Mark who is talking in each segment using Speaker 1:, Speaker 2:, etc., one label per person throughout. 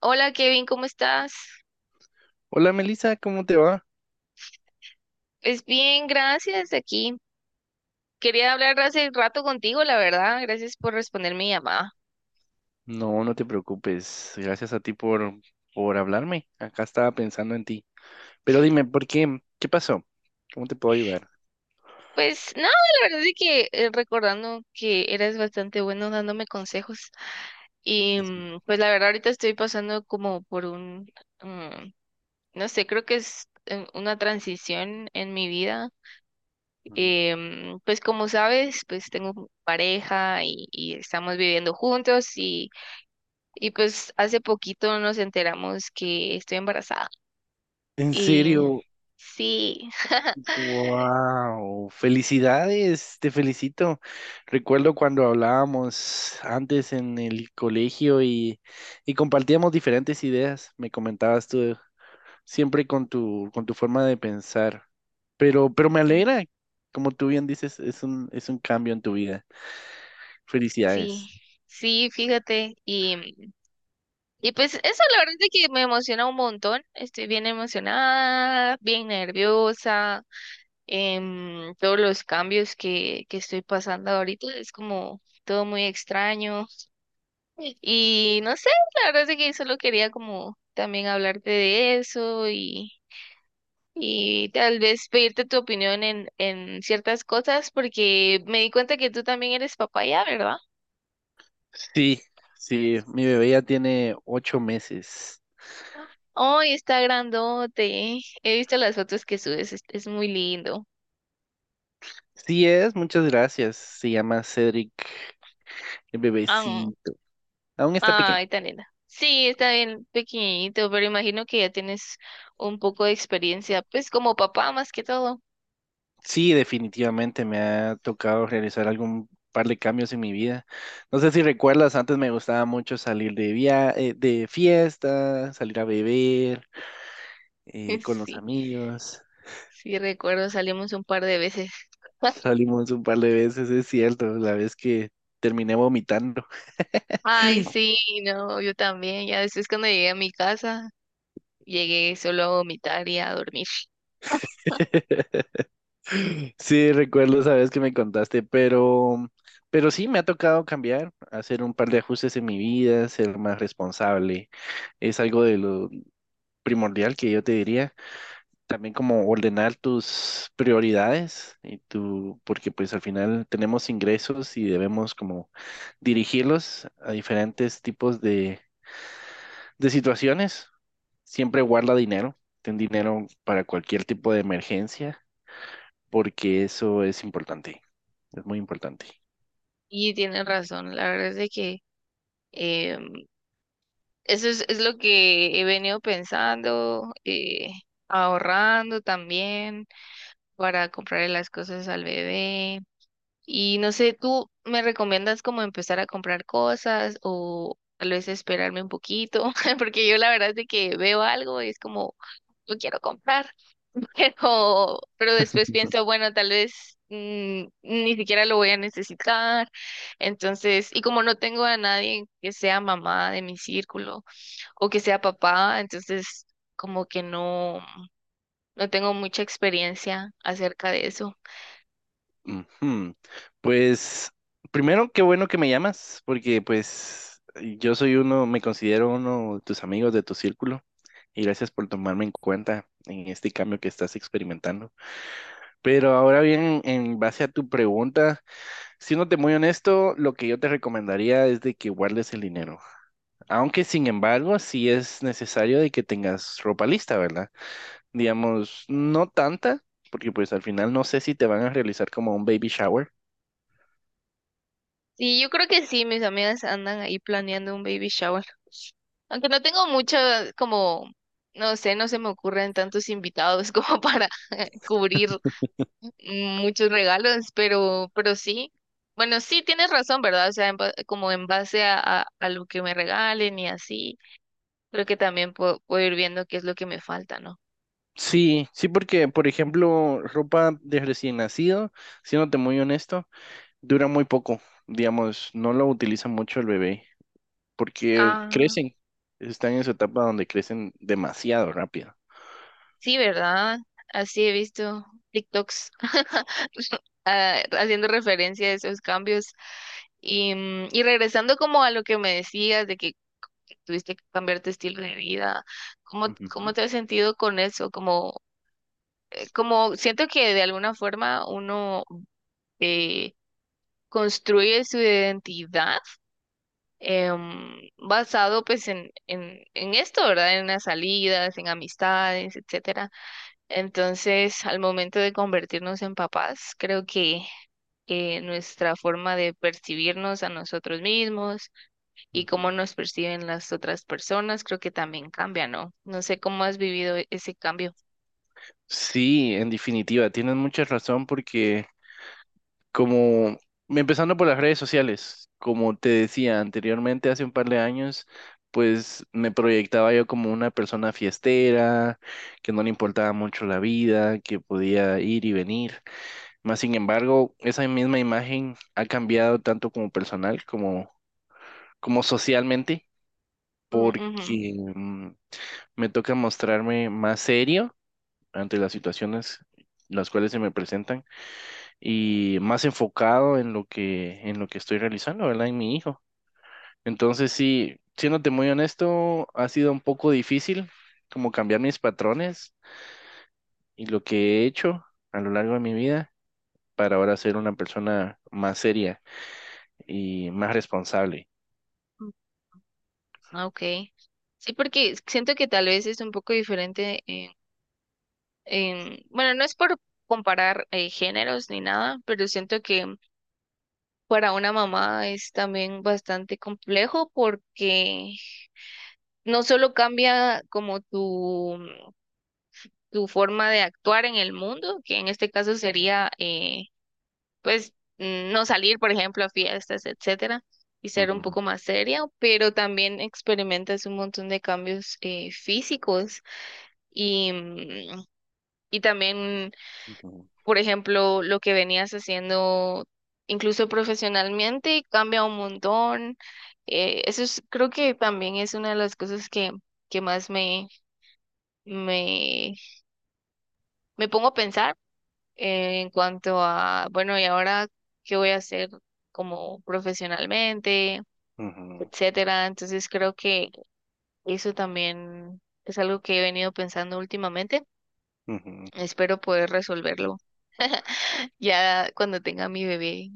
Speaker 1: Hola, Kevin, ¿cómo estás?
Speaker 2: Hola Melissa, ¿cómo te va?
Speaker 1: Es bien, gracias aquí. Quería hablar hace rato contigo, la verdad. Gracias por responder mi llamada.
Speaker 2: No te preocupes. Gracias a ti por hablarme. Acá estaba pensando en ti. Pero dime, ¿por qué? ¿Qué pasó? ¿Cómo te puedo ayudar?
Speaker 1: Pues nada, la verdad es que recordando que eres bastante bueno dándome consejos.
Speaker 2: Así que,
Speaker 1: Pues la verdad ahorita estoy pasando como por un, mm, no sé, creo que es una transición en mi vida.
Speaker 2: mm.
Speaker 1: Pues como sabes, pues tengo pareja y estamos viviendo juntos y... Y pues hace poquito nos enteramos que estoy embarazada.
Speaker 2: En
Speaker 1: Y
Speaker 2: serio,
Speaker 1: sí,
Speaker 2: wow, felicidades, te felicito. Recuerdo cuando hablábamos antes en el colegio y compartíamos diferentes ideas. Me comentabas tú siempre con con tu forma de pensar. Pero me
Speaker 1: sí,
Speaker 2: alegra, como tú bien dices, es un cambio en tu vida.
Speaker 1: sí,
Speaker 2: Felicidades.
Speaker 1: sí, fíjate. Y pues eso, la verdad es que me emociona un montón. Estoy bien emocionada, bien nerviosa. Todos los cambios que estoy pasando ahorita es como todo muy extraño. Y no sé, la verdad es que solo quería como también hablarte de eso y tal vez pedirte tu opinión en ciertas cosas, porque me di cuenta que tú también eres papá ya, ¿verdad?
Speaker 2: Sí, sí, mi bebé ya tiene 8 meses.
Speaker 1: Ay, está grandote. He visto las fotos que subes, es muy lindo.
Speaker 2: Sí es, muchas gracias. Se llama Cedric, el
Speaker 1: Ah,
Speaker 2: bebecito. Aún está pequeño.
Speaker 1: ay, tan linda. Sí, está bien pequeñito, pero imagino que ya tienes un poco de experiencia, pues como papá más que todo.
Speaker 2: Sí, definitivamente me ha tocado realizar algún par de cambios en mi vida. No sé si recuerdas, antes me gustaba mucho salir de via de fiesta, salir a beber con los
Speaker 1: Sí,
Speaker 2: amigos.
Speaker 1: sí, recuerdo, salimos un par de veces.
Speaker 2: Salimos un par de veces, es cierto, la vez que terminé vomitando.
Speaker 1: Ay, sí, no, yo también. Ya después cuando llegué a mi casa, llegué solo a vomitar y a dormir.
Speaker 2: Sí, recuerdo esa vez que me contaste, pero sí me ha tocado cambiar, hacer un par de ajustes en mi vida, ser más responsable. Es algo de lo primordial que yo te diría. También como ordenar tus prioridades y tu, porque pues al final tenemos ingresos y debemos como dirigirlos a diferentes tipos de situaciones. Siempre guarda dinero, ten dinero para cualquier tipo de emergencia, porque eso es importante, es muy importante.
Speaker 1: Y tienen razón, la verdad es de que em, eso es lo que he venido pensando, ahorrando también para comprarle las cosas al bebé. Y no sé, ¿tú me recomiendas como empezar a comprar cosas o tal vez esperarme un poquito? Porque yo la verdad es de que veo algo y es como, lo quiero comprar, pero después pienso, bueno, tal vez ni siquiera lo voy a necesitar. Entonces, y como no tengo a nadie que sea mamá de mi círculo o que sea papá, entonces como que no tengo mucha experiencia acerca de eso.
Speaker 2: Ujú. Pues primero, qué bueno que me llamas, porque pues yo soy uno, me considero uno de tus amigos de tu círculo, y gracias por tomarme en cuenta en este cambio que estás experimentando. Pero ahora bien, en base a tu pregunta, siéndote muy honesto, lo que yo te recomendaría es de que guardes el dinero. Aunque sin embargo, sí es necesario de que tengas ropa lista, ¿verdad? Digamos, no tanta, porque pues al final no sé si te van a realizar como un baby shower.
Speaker 1: Sí, yo creo que sí, mis amigas andan ahí planeando un baby shower. Aunque no tengo mucho, como, no sé, no se me ocurren tantos invitados como para cubrir muchos regalos, pero sí. Bueno, sí tienes razón, ¿verdad? O sea, como en base a lo que me regalen y así, creo que también puedo ir viendo qué es lo que me falta, ¿no?
Speaker 2: Sí, sí, porque por ejemplo, ropa de recién nacido, siéndote muy honesto, dura muy poco. Digamos, no lo utiliza mucho el bebé, porque
Speaker 1: Ah,
Speaker 2: crecen, están en su etapa donde crecen demasiado rápido.
Speaker 1: sí, ¿verdad? Así he visto TikToks. Ah, haciendo referencia a esos cambios. Y regresando como a lo que me decías de que tuviste que cambiar tu estilo de vida, ¿cómo
Speaker 2: Ujú,
Speaker 1: te has sentido con eso? Como, como siento que de alguna forma uno eh, construye su identidad, basado pues en esto, ¿verdad? En las salidas, en amistades, etcétera. Entonces, al momento de convertirnos en papás, creo que nuestra forma de percibirnos a nosotros mismos y cómo
Speaker 2: ujú.
Speaker 1: nos perciben las otras personas, creo que también cambia, ¿no? No sé cómo has vivido ese cambio.
Speaker 2: Sí, en definitiva, tienes mucha razón porque, como empezando por las redes sociales, como te decía anteriormente, hace un par de años, pues me proyectaba yo como una persona fiestera, que no le importaba mucho la vida, que podía ir y venir. Más sin embargo, esa misma imagen ha cambiado tanto como como socialmente,
Speaker 1: Mm, ujú.
Speaker 2: porque me toca mostrarme más serio ante las situaciones las cuales se me presentan y más enfocado en en lo que estoy realizando, ¿verdad? En mi hijo. Entonces, sí, siéndote muy honesto, ha sido un poco difícil como cambiar mis patrones y lo que he hecho a lo largo de mi vida para ahora ser una persona más seria y más responsable.
Speaker 1: Ah, ok. Sí, porque siento que tal vez es un poco diferente bueno, no es por comparar géneros ni nada, pero siento que para una mamá es también bastante complejo porque no solo cambia como tu forma de actuar en el mundo, que en este caso sería pues no salir, por ejemplo, a fiestas, etcétera, y ser un
Speaker 2: Ujú,
Speaker 1: poco más seria, pero también experimentas un montón de cambios físicos y, y también
Speaker 2: ujú,
Speaker 1: por ejemplo, lo que venías haciendo incluso profesionalmente cambia un montón. Eso es, creo que también es una de las cosas que más me, me pongo a pensar en cuanto a, bueno, ¿y ahora qué voy a hacer como profesionalmente,
Speaker 2: ujú,
Speaker 1: etcétera? Entonces creo que eso también es algo que he venido pensando últimamente.
Speaker 2: ujú.
Speaker 1: Espero poder resolverlo ya cuando tenga mi bebé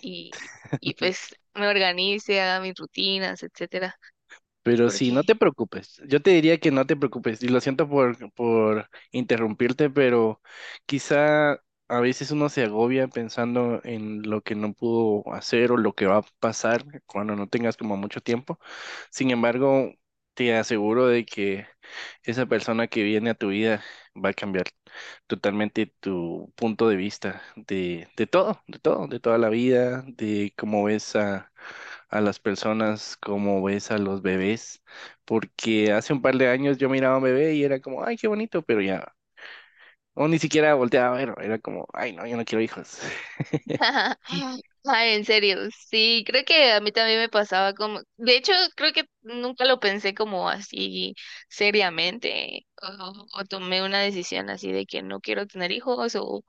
Speaker 1: y, y pues me organice, haga mis rutinas, etcétera,
Speaker 2: Pero sí, no
Speaker 1: porque
Speaker 2: te preocupes. Yo te diría que no te preocupes. Y lo siento por interrumpirte, pero quizá a veces uno se agobia pensando en lo que no pudo hacer o lo que va a pasar cuando no tengas como mucho tiempo. Sin embargo, te aseguro de que esa persona que viene a tu vida va a cambiar totalmente tu punto de vista de todo, de todo, de toda la vida, de cómo ves a las personas, cómo ves a los bebés, porque hace un par de años yo miraba a un bebé y era como, ay, qué bonito, pero ya, o ni siquiera volteaba a ver, era como, ay, no, yo no quiero hijos. Sí,
Speaker 1: ay, en serio, sí, creo que a mí también me pasaba como, de hecho, creo que nunca lo pensé como así seriamente, o tomé una decisión así de que no quiero tener hijos,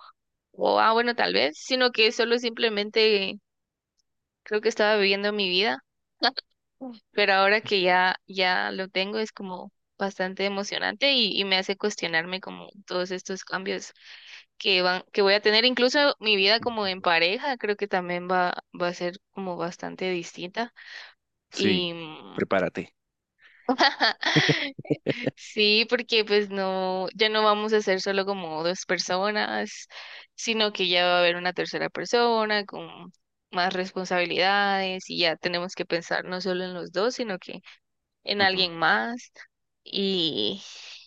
Speaker 1: o ah, bueno, tal vez, sino que solo simplemente creo que estaba viviendo mi vida. Uf. Pero ahora que ya, ya lo tengo es como bastante emocionante y me hace cuestionarme como todos estos cambios que voy a tener. Incluso mi vida como en pareja creo que también va a ser como bastante distinta. Y
Speaker 2: sí,
Speaker 1: mm,
Speaker 2: prepárate.
Speaker 1: sí, porque pues no, ya no vamos a ser solo como dos personas, sino que ya va a haber una tercera persona con más responsabilidades y ya tenemos que pensar no solo en los dos, sino que en
Speaker 2: Ujú,
Speaker 1: alguien más. Y,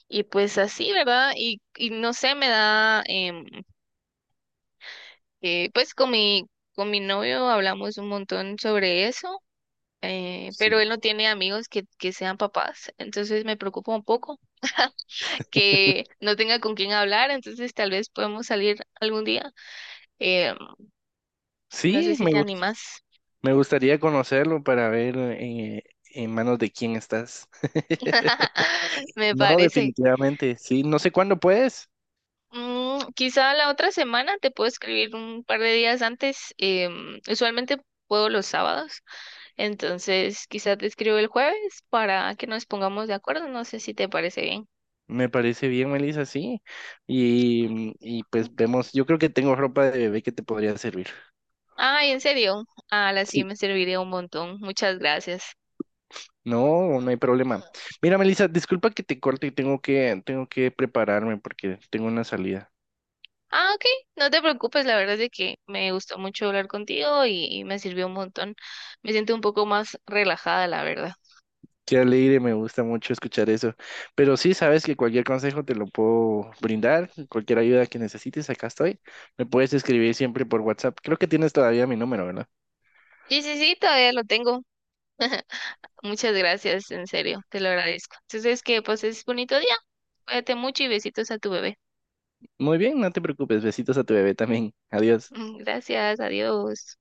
Speaker 1: y pues así, ¿verdad? Y no sé, me da que pues con mi novio hablamos un montón sobre eso,
Speaker 2: sí,
Speaker 1: pero él no tiene amigos que sean papás, entonces me preocupa un poco que no tenga con quién hablar, entonces tal vez podemos salir algún día. Em, no
Speaker 2: sí,
Speaker 1: sé si
Speaker 2: me
Speaker 1: te
Speaker 2: gus-
Speaker 1: animas.
Speaker 2: me gustaría conocerlo para ver en manos de quién estás.
Speaker 1: Me
Speaker 2: No,
Speaker 1: parece.
Speaker 2: definitivamente, sí, no sé cuándo puedes.
Speaker 1: Mm, quizá la otra semana te puedo escribir un par de días antes. Usualmente puedo los sábados, entonces quizá te escribo el jueves para que nos pongamos de acuerdo. No sé si te parece bien.
Speaker 2: Me parece bien, Melissa, sí. Y, mm, y pues
Speaker 1: Ok.
Speaker 2: vemos, yo creo que tengo ropa de bebé que te podría servir.
Speaker 1: Ay, en serio. Ah, la sí
Speaker 2: Sí.
Speaker 1: me serviría un montón. Muchas gracias.
Speaker 2: No, no hay problema. Mira, Melissa, disculpa que te corte y tengo que prepararme porque tengo una salida.
Speaker 1: Ah, ok. No te preocupes, la verdad es de que me gustó mucho hablar contigo y me sirvió un montón. Me siento un poco más relajada, la verdad.
Speaker 2: Qué alegre, me gusta mucho escuchar eso. Pero sí, sabes que cualquier consejo te lo puedo brindar, cualquier ayuda que necesites, acá estoy. Me puedes escribir siempre por WhatsApp. Creo que tienes todavía mi número, ¿verdad?
Speaker 1: Sí, sí, sí, todavía lo tengo. Muchas gracias, en serio, te lo agradezco. Entonces, que pases bonito día. Cuídate mucho y besitos a tu bebé.
Speaker 2: Muy bien, no te preocupes. Besitos a tu bebé también. Adiós.
Speaker 1: Gracias, adiós.